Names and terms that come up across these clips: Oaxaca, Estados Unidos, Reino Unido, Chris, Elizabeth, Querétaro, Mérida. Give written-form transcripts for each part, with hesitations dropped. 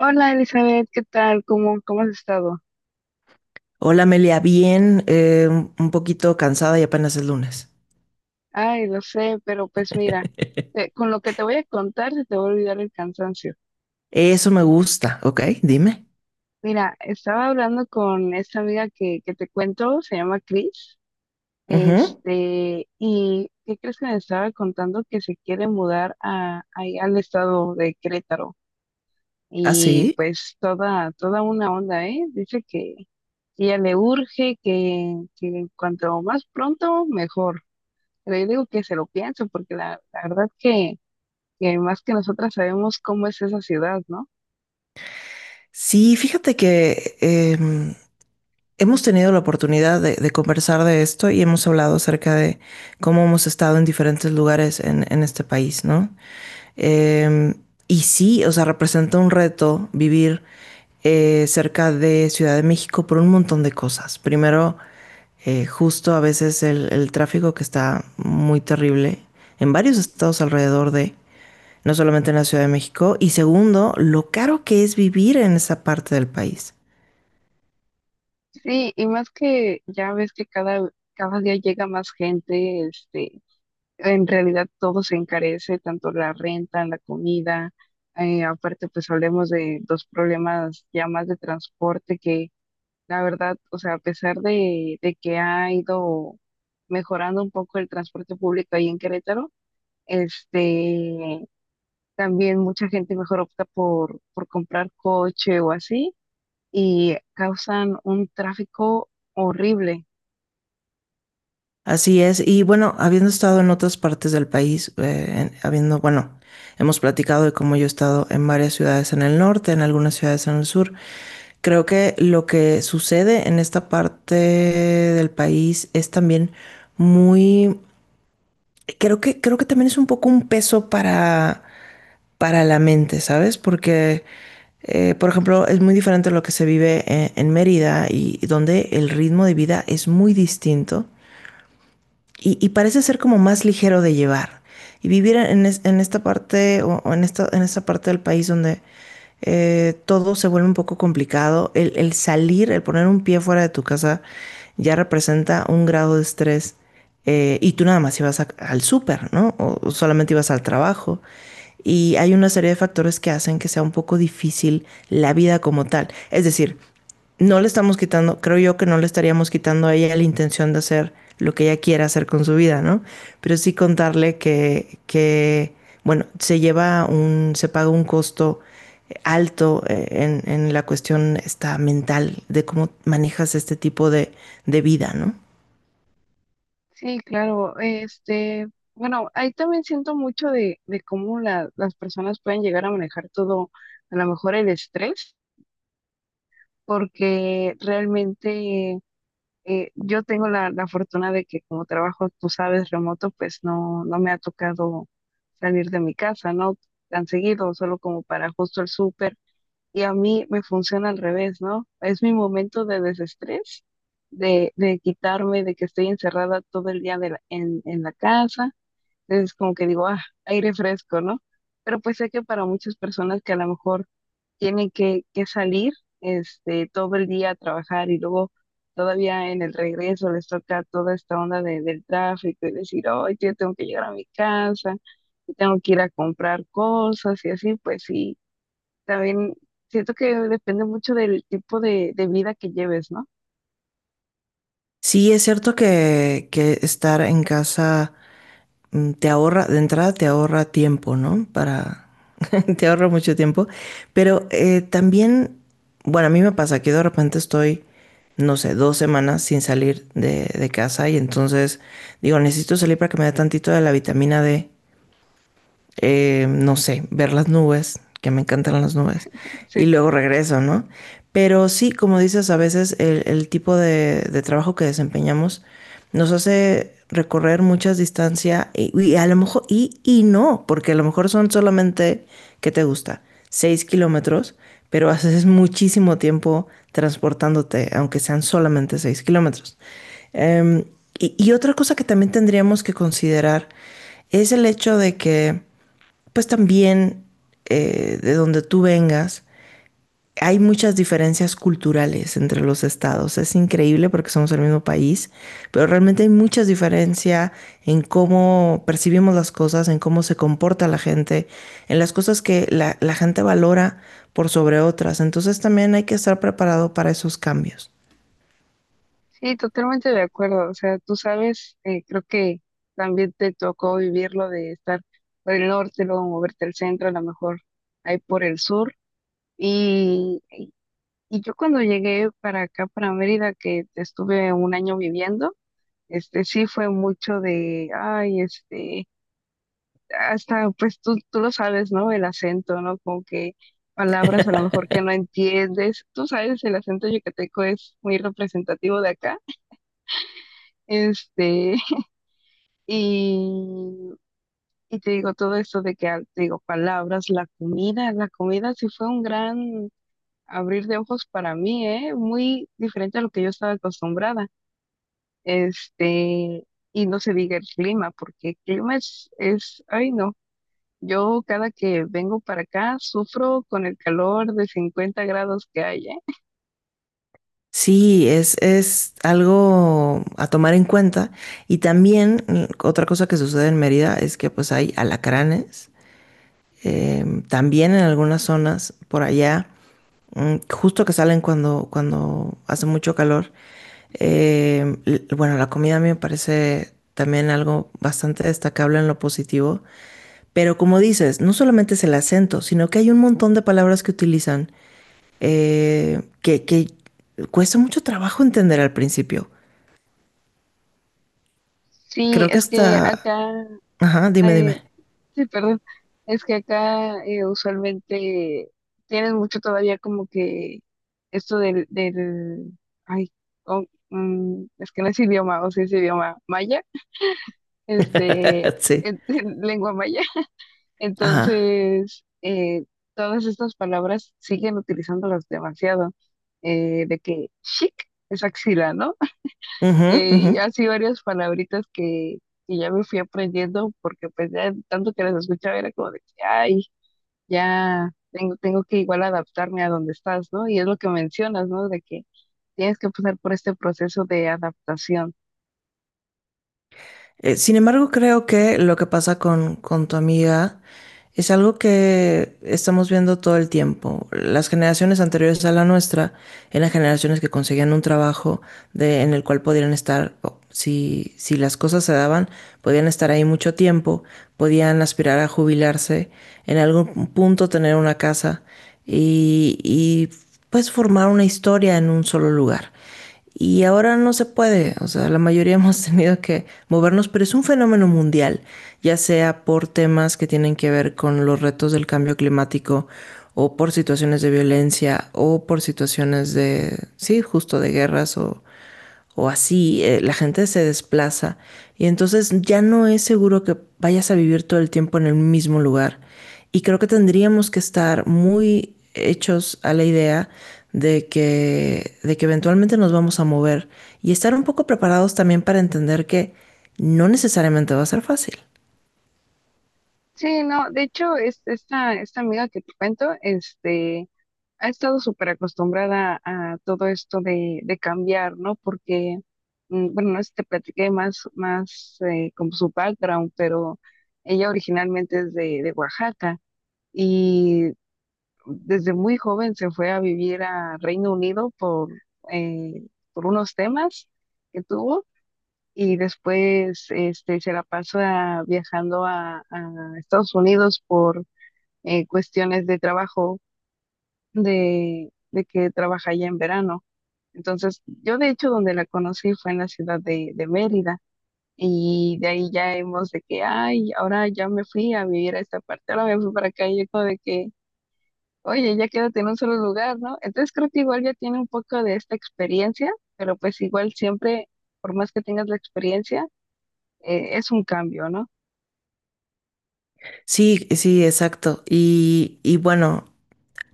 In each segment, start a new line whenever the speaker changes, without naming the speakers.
Hola Elizabeth, ¿qué tal? ¿Cómo has estado?
Hola Amelia, bien, un poquito cansada y apenas es lunes.
Ay, lo sé, pero pues mira, con lo que te voy a contar se te va a olvidar el cansancio.
Eso me gusta, ok, dime.
Mira, estaba hablando con esta amiga que te cuento, se llama Chris,
Ujú.
y ¿qué crees que me estaba contando? Que se quiere mudar ahí al estado de Querétaro.
¿Ah,
Y
sí?
pues toda una onda, ¿eh? Dice que ella le urge, que cuanto más pronto, mejor. Pero yo digo que se lo piensen, porque la verdad que más que nosotras sabemos cómo es esa ciudad, ¿no?
Sí, fíjate que hemos tenido la oportunidad de conversar de esto y hemos hablado acerca de cómo hemos estado en diferentes lugares en este país, ¿no? Em, y sí, o sea, representa un reto vivir cerca de Ciudad de México por un montón de cosas. Primero, justo a veces el tráfico que está muy terrible en varios estados alrededor de, no solamente en la Ciudad de México, y segundo, lo caro que es vivir en esa parte del país.
Sí, y más que ya ves que cada día llega más gente, en realidad todo se encarece, tanto la renta, la comida, aparte pues hablemos de dos problemas ya más de transporte que la verdad, o sea, a pesar de que ha ido mejorando un poco el transporte público ahí en Querétaro, este, también mucha gente mejor opta por comprar coche o así y causan un tráfico horrible.
Así es, y bueno, habiendo estado en otras partes del país, habiendo, bueno, hemos platicado de cómo yo he estado en varias ciudades en el norte, en algunas ciudades en el sur, creo que lo que sucede en esta parte del país es también muy. Creo que también es un poco un peso para la mente, ¿sabes? Porque, por ejemplo, es muy diferente lo que se vive en Mérida y donde el ritmo de vida es muy distinto y parece ser como más ligero de llevar. Y vivir en esta parte o en esta parte del país donde todo se vuelve un poco complicado, el salir, el poner un pie fuera de tu casa ya representa un grado de estrés. Y tú nada más ibas al súper, ¿no? O solamente ibas al trabajo. Y hay una serie de factores que hacen que sea un poco difícil la vida como tal. Es decir, no le estamos quitando, creo yo que no le estaríamos quitando a ella la intención de hacer lo que ella quiera hacer con su vida, ¿no? Pero sí contarle que bueno, se paga un costo alto en la cuestión esta mental de cómo manejas este tipo de vida, ¿no?
Sí, claro, este, bueno, ahí también siento mucho de cómo las personas pueden llegar a manejar todo, a lo mejor el estrés, porque realmente yo tengo la fortuna de que como trabajo, tú sabes, remoto, pues no, no me ha tocado salir de mi casa, ¿no? Tan seguido, solo como para justo el súper. Y a mí me funciona al revés, ¿no? Es mi momento de desestrés, de quitarme, de que estoy encerrada todo el día en la casa. Entonces, como que digo, ah, aire fresco, ¿no? Pero pues sé que para muchas personas que a lo mejor tienen que salir, este, todo el día a trabajar y luego todavía en el regreso les toca toda esta onda del tráfico y decir, oh, yo tengo que llegar a mi casa y tengo que ir a comprar cosas y así, pues sí también siento que depende mucho del tipo de vida que lleves, ¿no?
Sí, es cierto que estar en casa te ahorra, de entrada te ahorra tiempo, ¿no? Te ahorra mucho tiempo, pero también, bueno, a mí me pasa que de repente estoy, no sé, 2 semanas sin salir de casa y entonces digo, necesito salir para que me dé tantito de la vitamina D no sé, ver las nubes, que me encantan las nubes, y
Sí,
luego regreso, ¿no? Pero sí, como dices, a veces el tipo de trabajo que desempeñamos nos hace recorrer muchas distancias y a lo mejor, y no, porque a lo mejor son solamente, ¿qué te gusta? 6 km, pero haces muchísimo tiempo transportándote, aunque sean solamente 6 km. Em, y otra cosa que también tendríamos que considerar es el hecho de que pues también de donde tú vengas, hay muchas diferencias culturales entre los estados. Es increíble porque somos el mismo país, pero realmente hay muchas diferencia en cómo percibimos las cosas, en cómo se comporta la gente, en las cosas que la gente valora por sobre otras. Entonces también hay que estar preparado para esos cambios.
sí, totalmente de acuerdo. O sea, tú sabes, creo que también te tocó vivirlo de estar por el norte, luego moverte al centro, a lo mejor ahí por el sur. Y, y yo cuando llegué para acá, para Mérida, que estuve un año viviendo, este sí fue mucho de, ay, este hasta pues tú lo sabes, ¿no? El acento, ¿no? Como que palabras a lo mejor que no entiendes. Tú sabes, el acento yucateco es muy representativo de acá. Este, y, y te digo todo esto de que, ah, te digo, palabras, la comida sí fue un gran abrir de ojos para mí, ¿eh? Muy diferente a lo que yo estaba acostumbrada. Este, y no se diga el clima, porque el clima es, ay, no. Yo cada que vengo para acá sufro con el calor de 50 grados que hay, ¿eh?
Sí, es algo a tomar en cuenta. Y también otra cosa que sucede en Mérida es que pues hay alacranes también en algunas zonas por allá, justo que salen cuando hace mucho calor. Bueno, la comida a mí me parece también algo bastante destacable en lo positivo, pero como dices, no solamente es el acento, sino que hay un montón de palabras que utilizan que cuesta mucho trabajo entender al principio.
Sí,
Creo que
es que
hasta.
acá,
Ajá, dime,
eh,
dime.
sí, perdón, es que acá usualmente tienes mucho todavía como que esto del, ay, oh, mm, es que no es idioma, o si es idioma maya, este,
Sí.
lengua maya.
Ajá.
Entonces, todas estas palabras siguen utilizándolas demasiado, de que chic es axila, ¿no?
Ujú, ujú.
Y así varias palabritas que ya me fui aprendiendo porque pues ya tanto que las escuchaba era como de que, ay, ya tengo que igual adaptarme a donde estás, ¿no? Y es lo que mencionas, ¿no? De que tienes que pasar por este proceso de adaptación.
Sin embargo, creo que lo que pasa con tu amiga es algo que estamos viendo todo el tiempo. Las generaciones anteriores a la nuestra eran generaciones que conseguían un trabajo en el cual podían estar, o, si las cosas se daban, podían estar ahí mucho tiempo, podían aspirar a jubilarse en algún punto tener una casa y pues formar una historia en un solo lugar. Y ahora no se puede, o sea, la mayoría hemos tenido que movernos, pero es un fenómeno mundial, ya sea por temas que tienen que ver con los retos del cambio climático o por situaciones de violencia o por situaciones de, sí, justo de guerras o así, la gente se desplaza y entonces ya no es seguro que vayas a vivir todo el tiempo en el mismo lugar. Y creo que tendríamos que estar muy hechos a la idea de que eventualmente nos vamos a mover y estar un poco preparados también para entender que no necesariamente va a ser fácil.
Sí, no, de hecho, esta amiga que te cuento, este, ha estado súper acostumbrada a todo esto de cambiar, ¿no? Porque, mm, bueno, no sé si te platiqué más como su background, pero ella originalmente es de Oaxaca y desde muy joven se fue a vivir a Reino Unido eh, por unos temas que tuvo y después este, se la pasó viajando a Estados Unidos por cuestiones de trabajo de que trabaja allá en verano. Entonces, yo de hecho donde la conocí fue en la ciudad de Mérida y de ahí ya hemos de que, ay, ahora ya me fui a vivir a esta parte, ahora me fui para acá y yo como de que, oye, ya quédate en un solo lugar, ¿no? Entonces creo que igual ya tiene un poco de esta experiencia, pero pues igual siempre, por más que tengas la experiencia, es un cambio, ¿no?
Sí, sí, exacto. Y bueno,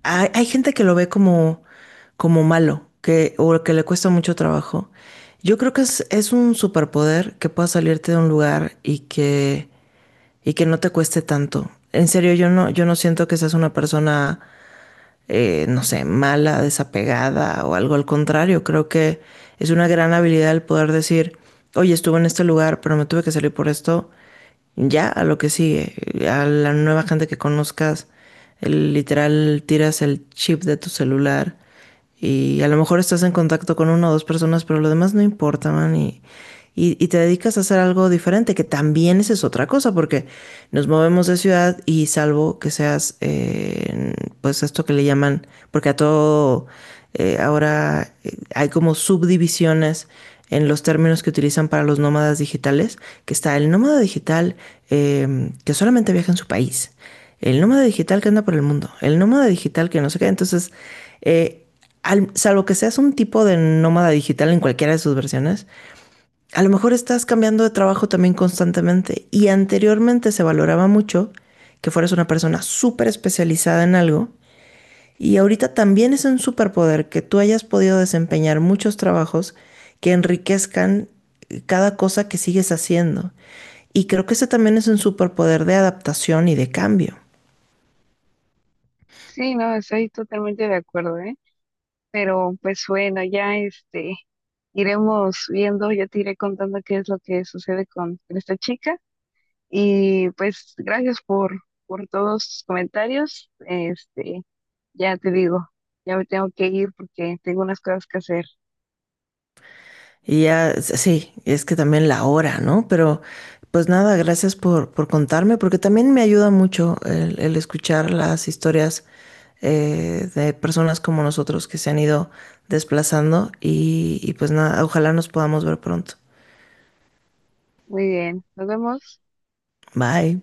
hay gente que lo ve como malo, que, o que le cuesta mucho trabajo. Yo creo que es un superpoder que pueda salirte de un lugar y que no te cueste tanto. En serio, yo no siento que seas una persona no sé, mala, desapegada o algo al contrario. Creo que es una gran habilidad el poder decir, oye, estuve en este lugar, pero me tuve que salir por esto. Ya, a lo que sigue, a la nueva gente que conozcas, literal tiras el chip de tu celular y a lo mejor estás en contacto con una o dos personas, pero lo demás no importa, man, y te dedicas a hacer algo diferente, que también esa es otra cosa, porque nos movemos de ciudad y salvo que seas, pues esto que le llaman, porque a todo, ahora hay como subdivisiones en los términos que utilizan para los nómadas digitales, que está el nómada digital que solamente viaja en su país el nómada digital que anda por el mundo, el nómada digital que no sé qué. Entonces, eh, salvo que seas un tipo de nómada digital en cualquiera de sus versiones, a lo mejor estás cambiando de trabajo también constantemente. Y anteriormente se valoraba mucho que fueras una persona súper especializada en algo. Y ahorita también es un superpoder que tú hayas podido desempeñar muchos trabajos que enriquezcan cada cosa que sigues haciendo. Y creo que ese también es un superpoder de adaptación y de cambio.
Sí, no, estoy totalmente de acuerdo, ¿eh? Pero pues bueno, ya este, iremos viendo, yo te iré contando qué es lo que sucede con esta chica. Y pues gracias por todos tus comentarios. Este, ya te digo, ya me tengo que ir porque tengo unas cosas que hacer.
Y ya, sí, es que también la hora, ¿no? Pero pues nada, gracias por contarme, porque también me ayuda mucho el escuchar las historias de personas como nosotros que se han ido desplazando y pues nada, ojalá nos podamos ver pronto.
Muy bien, nos vemos.
Bye.